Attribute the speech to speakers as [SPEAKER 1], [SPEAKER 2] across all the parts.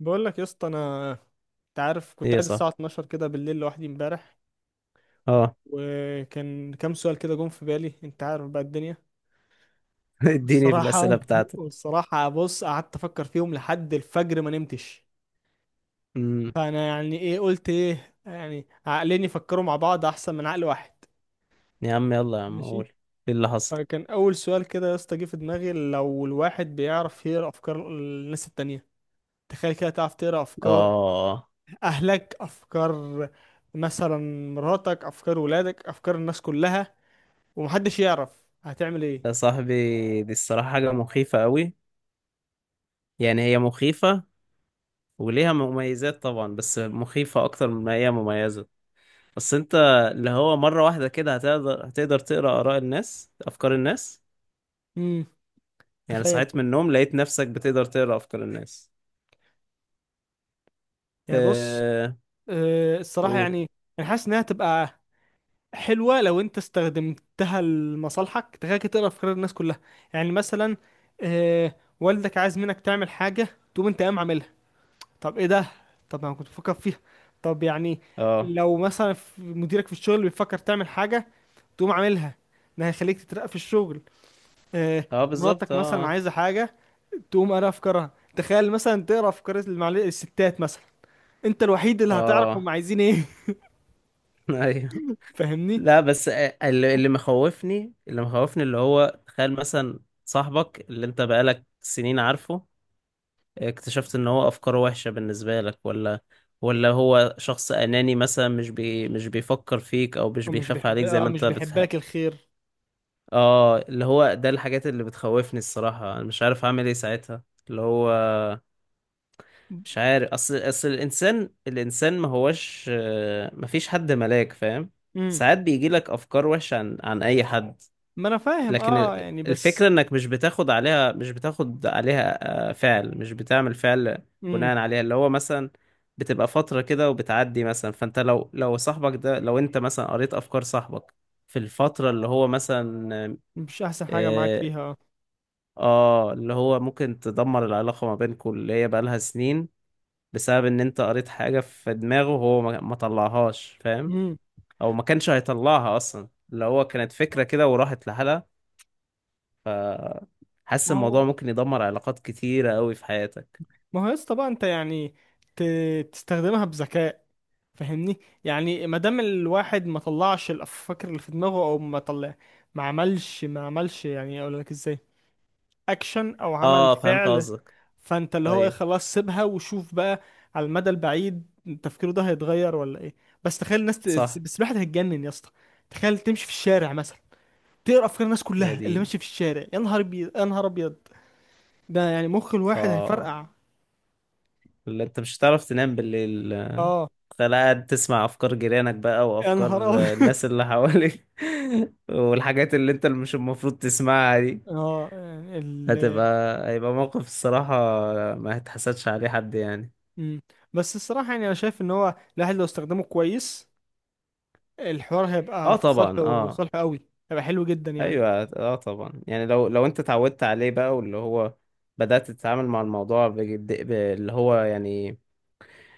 [SPEAKER 1] بقول لك يا اسطى. انت عارف، كنت
[SPEAKER 2] ايه
[SPEAKER 1] قاعد
[SPEAKER 2] صح.
[SPEAKER 1] الساعه 12 كده بالليل لوحدي امبارح،
[SPEAKER 2] اه.
[SPEAKER 1] وكان كام سؤال كده جم في بالي. انت عارف بقى الدنيا.
[SPEAKER 2] اديني في
[SPEAKER 1] والصراحه
[SPEAKER 2] الأسئلة بتاعتك.
[SPEAKER 1] والصراحه، بص، قعدت افكر فيهم لحد الفجر ما نمتش.
[SPEAKER 2] امم.
[SPEAKER 1] فانا يعني ايه، قلت ايه يعني، عقلين يفكروا مع بعض احسن من عقل واحد.
[SPEAKER 2] يا عم يلا، يا عم
[SPEAKER 1] ماشي.
[SPEAKER 2] قول. ايه اللي حصل؟
[SPEAKER 1] فكان اول سؤال كده يا اسطى جه في دماغي، لو الواحد بيعرف يقرا افكار الناس التانية. تخيل كده تعرف تقرا افكار،
[SPEAKER 2] اه.
[SPEAKER 1] اهلك افكار، مثلا مراتك افكار، ولادك افكار، الناس كلها، ومحدش يعرف هتعمل
[SPEAKER 2] يا
[SPEAKER 1] ايه.
[SPEAKER 2] صاحبي، دي الصراحة حاجة مخيفة قوي. يعني هي مخيفة، وليها مميزات طبعا بس مخيفة أكتر من ما هي مميزة. بس أنت، اللي هو مرة واحدة كده هتقدر تقرأ آراء الناس، أفكار الناس.
[SPEAKER 1] امم.
[SPEAKER 2] يعني
[SPEAKER 1] تخيل
[SPEAKER 2] صحيت
[SPEAKER 1] كده.
[SPEAKER 2] من النوم لقيت نفسك بتقدر تقرأ أفكار الناس.
[SPEAKER 1] يعني بص،
[SPEAKER 2] اه.
[SPEAKER 1] الصراحه
[SPEAKER 2] قول.
[SPEAKER 1] يعني، انا حاسس انها تبقى حلوه لو انت استخدمتها لمصالحك. تخيل كده تقرا افكار الناس كلها. يعني مثلا، والدك عايز منك تعمل حاجه، تقوم انت قايم عاملها. طب ايه ده؟ طب انا كنت بفكر فيها. طب يعني
[SPEAKER 2] اه،
[SPEAKER 1] لو مثلا مديرك في الشغل بيفكر تعمل حاجه، تقوم عاملها، ده هيخليك تترقى في الشغل. آه،
[SPEAKER 2] اه بالظبط،
[SPEAKER 1] مراتك مثلا
[SPEAKER 2] اه.
[SPEAKER 1] عايزة حاجة، تقوم قاري افكارها. تخيل مثلا تقرا افكار الستات مثلا، انت الوحيد اللي هتعرف
[SPEAKER 2] اه
[SPEAKER 1] هم عايزين ايه
[SPEAKER 2] ايوه.
[SPEAKER 1] فاهمني؟
[SPEAKER 2] لا بس اللي مخوفني اللي هو تخيل مثلا صاحبك اللي انت بقالك سنين عارفه، اكتشفت ان هو افكاره وحشة بالنسبة لك، ولا هو شخص اناني مثلا، مش بيفكر فيك او مش
[SPEAKER 1] هو مش
[SPEAKER 2] بيخاف
[SPEAKER 1] بيحب
[SPEAKER 2] عليك زي
[SPEAKER 1] اه
[SPEAKER 2] ما
[SPEAKER 1] مش
[SPEAKER 2] انت
[SPEAKER 1] بيحب لك الخير.
[SPEAKER 2] اه، اللي هو ده الحاجات اللي بتخوفني الصراحة. انا مش عارف اعمل ايه ساعتها. اللي هو مش عارف، اصل الانسان ما هوش، ما فيش حد ملاك، فاهم؟
[SPEAKER 1] امم.
[SPEAKER 2] ساعات بيجي لك افكار وحشة عن اي حد،
[SPEAKER 1] ما انا فاهم
[SPEAKER 2] لكن
[SPEAKER 1] اه يعني،
[SPEAKER 2] الفكرة
[SPEAKER 1] بس.
[SPEAKER 2] انك مش بتاخد عليها، فعل، مش بتعمل فعل
[SPEAKER 1] امم.
[SPEAKER 2] بناء عليها. اللي هو مثلا بتبقى فترة كده وبتعدي. مثلا فانت، لو صاحبك ده، لو انت مثلا قريت افكار صاحبك في الفترة اللي هو مثلا،
[SPEAKER 1] مش احسن حاجه معاك
[SPEAKER 2] اه،
[SPEAKER 1] فيها، اه.
[SPEAKER 2] اللي هو ممكن تدمر العلاقة ما بينكم اللي هي بقالها سنين، بسبب ان انت قريت حاجة في دماغه وهو ما طلعهاش، فاهم؟
[SPEAKER 1] امم.
[SPEAKER 2] او ما كانش هيطلعها اصلا. اللي هو كانت فكرة كده وراحت لحالها. حاسس
[SPEAKER 1] ما هو
[SPEAKER 2] الموضوع ممكن يدمر علاقات كتيرة قوي في حياتك.
[SPEAKER 1] ما هو يا اسطى بقى، انت يعني ت... تستخدمها بذكاء. فاهمني؟ يعني ما دام الواحد ما طلعش الافكار اللي في دماغه، او ما طلع ما عملش يعني، اقول لك ازاي، اكشن او عمل
[SPEAKER 2] اه فهمت
[SPEAKER 1] فعل.
[SPEAKER 2] قصدك.
[SPEAKER 1] فانت اللي هو ايه،
[SPEAKER 2] ايوه
[SPEAKER 1] خلاص سيبها وشوف بقى، على المدى البعيد تفكيره ده هيتغير ولا ايه. بس تخيل
[SPEAKER 2] صح.
[SPEAKER 1] بس الواحد هيتجنن يا اسطى. تخيل تمشي في الشارع مثلا، تقرا افكار الناس
[SPEAKER 2] يا
[SPEAKER 1] كلها اللي
[SPEAKER 2] دي.
[SPEAKER 1] ماشي في الشارع، يا نهار ابيض، يا نهار ابيض، ده يعني مخ الواحد
[SPEAKER 2] اه،
[SPEAKER 1] هيفرقع.
[SPEAKER 2] اللي انت مش هتعرف تنام بالليل.
[SPEAKER 1] اه.
[SPEAKER 2] تخيل قاعد تسمع افكار جيرانك بقى،
[SPEAKER 1] يا نهار
[SPEAKER 2] وافكار
[SPEAKER 1] ابيض
[SPEAKER 2] الناس اللي حواليك. والحاجات اللي مش المفروض تسمعها دي،
[SPEAKER 1] اه.
[SPEAKER 2] هتبقى، هيبقى موقف الصراحة ما هتحسدش عليه حد يعني.
[SPEAKER 1] مم. بس الصراحة يعني أنا شايف إن هو الواحد لو استخدمه كويس، الحوار هيبقى
[SPEAKER 2] اه
[SPEAKER 1] في
[SPEAKER 2] طبعا،
[SPEAKER 1] صالحه. في
[SPEAKER 2] اه.
[SPEAKER 1] صالحه قوي، هيبقى حلو جدا يعني.
[SPEAKER 2] ايوه اه طبعا، يعني لو انت اتعودت عليه بقى، واللي هو بدأت تتعامل مع الموضوع بجد، اللي هو يعني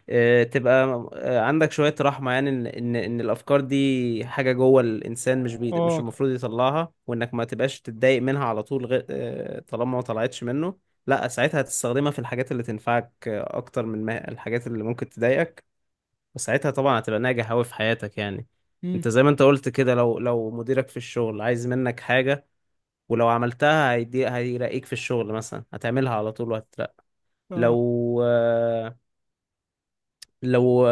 [SPEAKER 2] تبقى عندك شوية رحمة، يعني إن الأفكار دي حاجة جوه الإنسان، مش
[SPEAKER 1] اه.
[SPEAKER 2] المفروض يطلعها، وإنك ما تبقاش تتضايق منها على طول، غير طالما ما طلعتش منه. لا، ساعتها هتستخدمها في الحاجات اللي تنفعك أكتر من ما الحاجات اللي ممكن تضايقك. وساعتها طبعا هتبقى ناجح أوي في حياتك يعني.
[SPEAKER 1] مم.
[SPEAKER 2] أنت زي ما أنت قلت كده، لو مديرك في الشغل عايز منك حاجة ولو عملتها هيرقيك في الشغل، مثلا هتعملها على طول وهتترقى.
[SPEAKER 1] اه.
[SPEAKER 2] لو لو،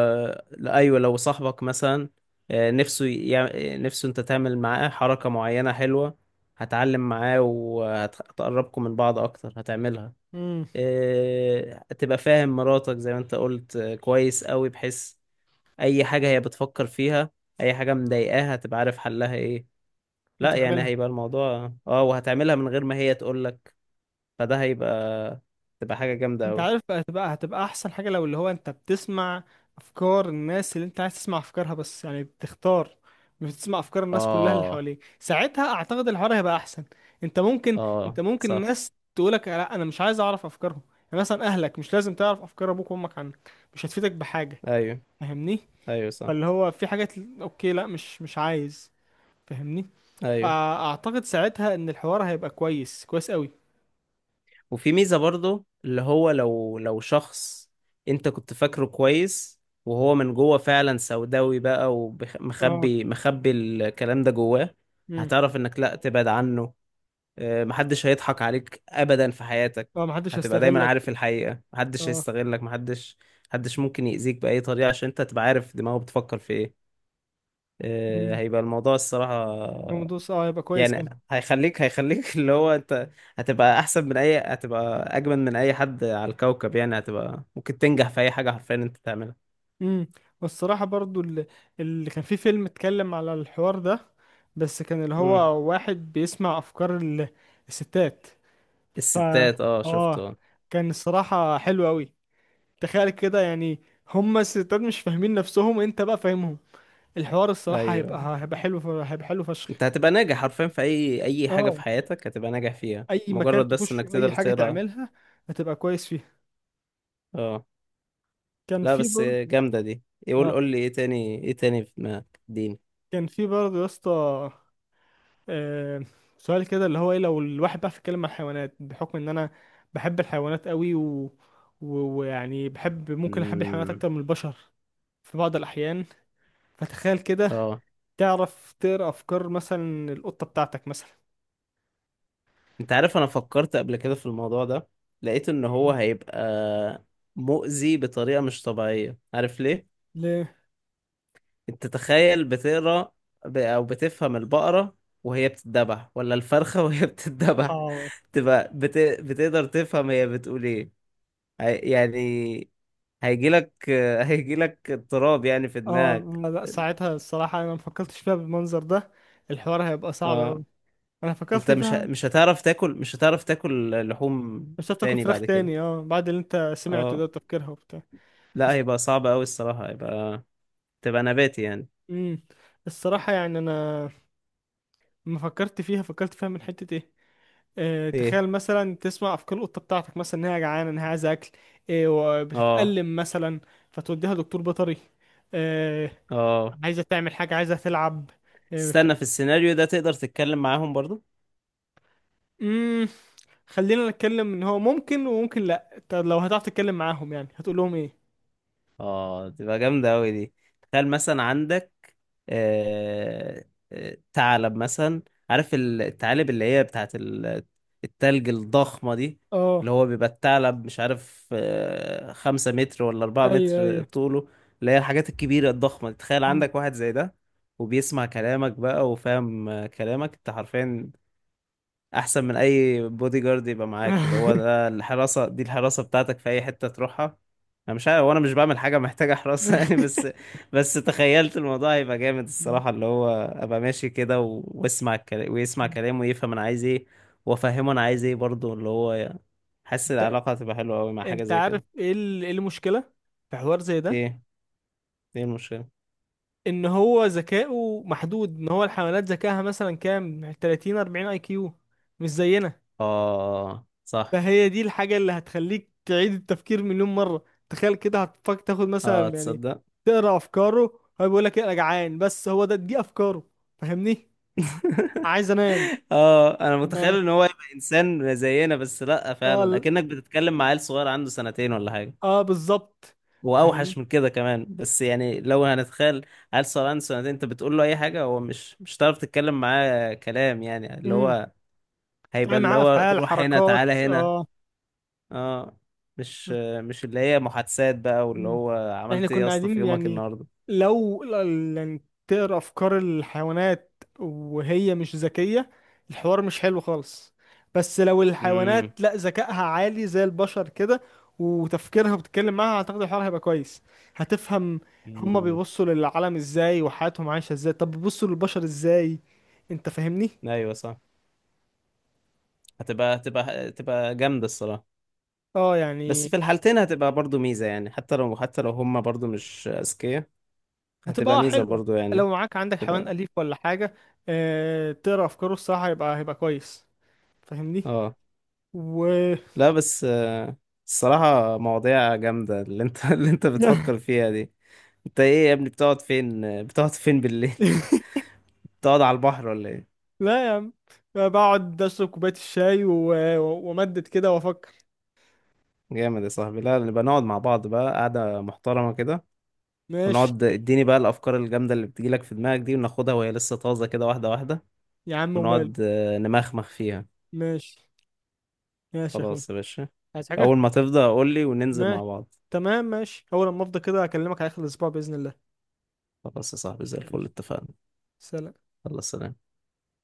[SPEAKER 2] لأ، ايوه، لو صاحبك مثلا نفسه انت تعمل معاه حركة معينة حلوة، هتعلم معاه وهتقربكم من بعض اكتر، هتعملها.
[SPEAKER 1] مم.
[SPEAKER 2] هتبقى فاهم مراتك زي ما انت قلت كويس قوي، بحيث اي حاجة هي بتفكر فيها، اي حاجة مضايقاها هتبقى عارف حلها ايه. لا يعني
[SPEAKER 1] وتعملها.
[SPEAKER 2] هيبقى الموضوع اه، وهتعملها من غير ما هي تقولك. فده هيبقى، تبقى حاجة جامدة
[SPEAKER 1] أنت
[SPEAKER 2] قوي.
[SPEAKER 1] عارف بقى، هتبقى أحسن حاجة لو اللي هو أنت بتسمع أفكار الناس اللي أنت عايز تسمع أفكارها بس، يعني بتختار، مش بتسمع أفكار الناس كلها اللي
[SPEAKER 2] اه،
[SPEAKER 1] حواليك. ساعتها أعتقد الحوار هيبقى أحسن. أنت ممكن،
[SPEAKER 2] اه صح.
[SPEAKER 1] الناس تقولك لا أنا مش عايز أعرف أفكارهم. يعني مثلا أهلك، مش لازم تعرف أفكار أبوك وأمك عنك، مش هتفيدك بحاجة.
[SPEAKER 2] ايوه.
[SPEAKER 1] فاهمني؟
[SPEAKER 2] ايوه صح.
[SPEAKER 1] فاللي هو في حاجات اوكي، لا مش، عايز. فاهمني؟
[SPEAKER 2] ايوه.
[SPEAKER 1] فاعتقد ساعتها ان الحوار هيبقى كويس، كويس قوي.
[SPEAKER 2] وفي ميزة برضو، اللي هو لو شخص انت كنت فاكره كويس، وهو من جوه فعلا سوداوي بقى
[SPEAKER 1] اه.
[SPEAKER 2] ومخبي، مخبي الكلام ده جواه،
[SPEAKER 1] امم.
[SPEAKER 2] هتعرف انك لا، تبعد عنه. محدش هيضحك عليك ابدا في حياتك.
[SPEAKER 1] اه محدش
[SPEAKER 2] هتبقى دايما
[SPEAKER 1] هيستغلك.
[SPEAKER 2] عارف الحقيقة، محدش
[SPEAKER 1] اه.
[SPEAKER 2] هيستغلك، محدش، محدش ممكن يأذيك بأي طريقة، عشان انت تبقى عارف دماغه بتفكر في ايه.
[SPEAKER 1] امم.
[SPEAKER 2] هيبقى الموضوع الصراحة.
[SPEAKER 1] الموضوع اه هيبقى كويس كان.
[SPEAKER 2] يعني هيخليك اللي هو انت هتبقى اجمل من اي حد على الكوكب يعني. هتبقى ممكن تنجح في اي حاجه، حرفيا انت تعملها.
[SPEAKER 1] امم. والصراحه برضو اللي كان في فيلم اتكلم على الحوار ده، بس كان اللي
[SPEAKER 2] امم.
[SPEAKER 1] هو واحد بيسمع افكار الستات. ف
[SPEAKER 2] الستات، اه شفته
[SPEAKER 1] اه
[SPEAKER 2] اه.
[SPEAKER 1] كان الصراحه حلو قوي. تخيل كده يعني، هما الستات مش فاهمين نفسهم، انت بقى فاهمهم. الحوار الصراحة
[SPEAKER 2] ايوه.
[SPEAKER 1] هيبقى حلو، هيبقى حلو فشخ.
[SPEAKER 2] انت هتبقى ناجح حرفيا في اي حاجه في
[SPEAKER 1] اه.
[SPEAKER 2] حياتك، هتبقى ناجح فيها
[SPEAKER 1] اي مكان
[SPEAKER 2] مجرد بس
[SPEAKER 1] تخش،
[SPEAKER 2] انك
[SPEAKER 1] اي
[SPEAKER 2] تقدر
[SPEAKER 1] حاجة
[SPEAKER 2] تقرا.
[SPEAKER 1] تعملها هتبقى كويس فيها.
[SPEAKER 2] اه.
[SPEAKER 1] كان
[SPEAKER 2] لا
[SPEAKER 1] في
[SPEAKER 2] بس
[SPEAKER 1] برضه.
[SPEAKER 2] جامده دي.
[SPEAKER 1] اه
[SPEAKER 2] قول لي ايه تاني، ايه تاني في دماغك، اديني.
[SPEAKER 1] يا اسطى، آه، سؤال كده اللي هو ايه، لو الواحد بقى بيتكلم عن الحيوانات، بحكم ان انا بحب الحيوانات قوي و... و- ويعني بحب، ممكن احب الحيوانات
[SPEAKER 2] امم.
[SPEAKER 1] اكتر من البشر في بعض الاحيان. فتخيل كده
[SPEAKER 2] اه
[SPEAKER 1] تعرف تقرا افكار مثلا القطة بتاعتك مثلا.
[SPEAKER 2] انت عارف، انا فكرت قبل كده في الموضوع ده، لقيت ان هو هيبقى مؤذي بطريقة مش طبيعية. عارف ليه؟
[SPEAKER 1] ليه؟
[SPEAKER 2] انت تخيل بتقرا، او بتفهم البقرة وهي بتتذبح، ولا الفرخة وهي بتتذبح.
[SPEAKER 1] اه.
[SPEAKER 2] تبقى بتقدر تفهم هي بتقول ايه. يعني هيجيلك هيجيلك اضطراب يعني في
[SPEAKER 1] اه،
[SPEAKER 2] دماغك.
[SPEAKER 1] ما لا، ساعتها الصراحة انا ما فكرتش فيها بالمنظر ده، الحوار هيبقى صعب اوي.
[SPEAKER 2] اه.
[SPEAKER 1] انا
[SPEAKER 2] انت
[SPEAKER 1] فكرت فيها.
[SPEAKER 2] مش هتعرف تاكل لحوم
[SPEAKER 1] مش هتاكل
[SPEAKER 2] تاني
[SPEAKER 1] فراخ
[SPEAKER 2] بعد كده.
[SPEAKER 1] تاني اه، بعد اللي انت سمعته ده
[SPEAKER 2] اه.
[SPEAKER 1] تفكيرها وبتاع.
[SPEAKER 2] لا
[SPEAKER 1] بس.
[SPEAKER 2] هيبقى صعب قوي الصراحة، هيبقى تبقى نباتي يعني.
[SPEAKER 1] امم. الصراحة يعني انا لما فكرت فيها، فكرت فيها من حتة ايه.
[SPEAKER 2] ايه.
[SPEAKER 1] تخيل مثلا تسمع افكار القطه بتاعتك مثلا، انها جعانه، انها عايزه اكل،
[SPEAKER 2] اه.
[SPEAKER 1] وبتتألم مثلا، فتوديها دكتور بيطري، آه،
[SPEAKER 2] اه.
[SPEAKER 1] عايزه تعمل حاجه، عايزه تلعب آه،
[SPEAKER 2] استنى، في السيناريو ده تقدر تتكلم معاهم برضو؟
[SPEAKER 1] امم. خلينا نتكلم ان هو ممكن وممكن لا. طب لو هتعرف تتكلم معاهم يعني هتقول لهم ايه؟
[SPEAKER 2] اه تبقى جامدة أوي دي. تخيل مثلا عندك آه... ثعلب مثلا، عارف الثعالب اللي هي بتاعت التلج الضخمة دي.
[SPEAKER 1] اه.
[SPEAKER 2] اللي هو بيبقى الثعلب مش عارف 5 متر ولا أربعة
[SPEAKER 1] ايوه،
[SPEAKER 2] متر
[SPEAKER 1] ايوه.
[SPEAKER 2] طوله، اللي هي الحاجات الكبيرة الضخمة دي. تخيل
[SPEAKER 1] مم.
[SPEAKER 2] عندك واحد زي ده، وبيسمع كلامك بقى، وفاهم كلامك انت حرفيا. احسن من اي بودي جارد يبقى معاك، اللي هو ده الحراسه، دي الحراسه بتاعتك في اي حته تروحها. انا مش عارف، وانا مش بعمل حاجه محتاجه حراسه يعني، بس بس تخيلت الموضوع هيبقى جامد
[SPEAKER 1] مم.
[SPEAKER 2] الصراحه. اللي هو ابقى ماشي كده واسمع الكلام، ويسمع كلامه، ويفهم انا عايز ايه، وافهمه انا عايز ايه برضه، اللي هو يعني حاسس
[SPEAKER 1] انت
[SPEAKER 2] العلاقه هتبقى حلوه قوي مع حاجه
[SPEAKER 1] انت
[SPEAKER 2] زي
[SPEAKER 1] عارف
[SPEAKER 2] كده.
[SPEAKER 1] ايه، إيه المشكله في حوار زي ده؟
[SPEAKER 2] ايه؟ ايه المشكله؟
[SPEAKER 1] ان هو ذكائه محدود، ان هو الحيوانات ذكائها مثلا كام، 30 40 اي كيو، مش زينا.
[SPEAKER 2] اه صح.
[SPEAKER 1] فهي دي الحاجة اللي هتخليك تعيد التفكير مليون مرة. تخيل كده هتفكر تاخد
[SPEAKER 2] اه
[SPEAKER 1] مثلا يعني،
[SPEAKER 2] تصدق؟
[SPEAKER 1] تقرا أفكاره هو بيقول لك إيه، أنا جعان، بس هو ده دي أفكاره. فاهمني؟ عايز أنام.
[SPEAKER 2] اه انا متخيل
[SPEAKER 1] ما
[SPEAKER 2] ان هو يبقى انسان زينا، بس لا،
[SPEAKER 1] آه
[SPEAKER 2] فعلا
[SPEAKER 1] ال-
[SPEAKER 2] اكنك بتتكلم مع عيل صغير عنده سنتين ولا حاجه،
[SPEAKER 1] آه بالظبط. فاهمني؟
[SPEAKER 2] واوحش من كده كمان، بس يعني لو هنتخيل عيل صغير عنده سنتين، انت بتقول له اي حاجه هو مش هتعرف تتكلم معاه كلام يعني، اللي
[SPEAKER 1] امم
[SPEAKER 2] هو هيبقى
[SPEAKER 1] تعمل
[SPEAKER 2] اللي
[SPEAKER 1] معاه
[SPEAKER 2] هو
[SPEAKER 1] أفعال،
[SPEAKER 2] روح هنا،
[SPEAKER 1] حركات،
[SPEAKER 2] تعالى هنا.
[SPEAKER 1] آه.
[SPEAKER 2] اه. مش مش اللي هي محادثات بقى، واللي
[SPEAKER 1] مم.
[SPEAKER 2] هو
[SPEAKER 1] احنا
[SPEAKER 2] عملت ايه يا
[SPEAKER 1] كنا
[SPEAKER 2] اسطى في
[SPEAKER 1] قاعدين
[SPEAKER 2] يومك
[SPEAKER 1] يعني
[SPEAKER 2] النهارده.
[SPEAKER 1] لو يعني تقرا افكار الحيوانات وهي مش ذكيه، الحوار مش حلو خالص. بس لو
[SPEAKER 2] امم.
[SPEAKER 1] الحيوانات لا ذكائها عالي زي البشر كده، وتفكيرها، بتتكلم معاها، اعتقد الحوار هيبقى كويس. هتفهم هما
[SPEAKER 2] أمم.
[SPEAKER 1] بيبصوا للعالم ازاي، وحياتهم عايشه ازاي، طب بيبصوا للبشر ازاي؟ انت فاهمني؟
[SPEAKER 2] ايوه صح. هتبقى جامده الصراحه.
[SPEAKER 1] اه
[SPEAKER 2] بس
[SPEAKER 1] يعني.
[SPEAKER 2] في الحالتين هتبقى برضو ميزة، يعني حتى لو هما برضو مش أذكياء،
[SPEAKER 1] هتبقى
[SPEAKER 2] هتبقى ميزة
[SPEAKER 1] حلوه.
[SPEAKER 2] برضو يعني.
[SPEAKER 1] لو معاك، عندك حيوان
[SPEAKER 2] تبقى.
[SPEAKER 1] اليف ولا حاجه، اه تقرا افكاره الصراحه هيبقى كويس. فاهمني؟
[SPEAKER 2] اه.
[SPEAKER 1] و
[SPEAKER 2] لا بس الصراحة مواضيع جامدة اللي انت اللي انت
[SPEAKER 1] لا.
[SPEAKER 2] بتفكر فيها دي. انت ايه يا ابني، بتقعد فين، بتقعد فين بالليل؟ بتقعد على البحر ولا ايه؟
[SPEAKER 1] لا يا عم، بقعد اشرب كوبايه الشاي وامدد كده وافكر.
[SPEAKER 2] جامد يا صاحبي. لا، نبقى نقعد مع بعض بقى قعدة محترمة كده،
[SPEAKER 1] ماشي.
[SPEAKER 2] ونقعد اديني بقى الأفكار الجامدة اللي بتجيلك في دماغك دي، وناخدها وهي لسه طازة كده، واحدة واحدة،
[SPEAKER 1] يا عم وماله.
[SPEAKER 2] ونقعد نمخمخ فيها.
[SPEAKER 1] ماشي. ماشي يا اخوي.
[SPEAKER 2] خلاص يا باشا.
[SPEAKER 1] عايز حاجه؟
[SPEAKER 2] أول ما تفضى قول لي وننزل
[SPEAKER 1] ماشي،
[SPEAKER 2] مع بعض.
[SPEAKER 1] تمام، ماشي، اول لما افضى كده اكلمك على اخر الاسبوع باذن الله.
[SPEAKER 2] خلاص يا صاحبي، زي الفل،
[SPEAKER 1] ماشي.
[SPEAKER 2] اتفقنا.
[SPEAKER 1] سلام.
[SPEAKER 2] يلا سلام.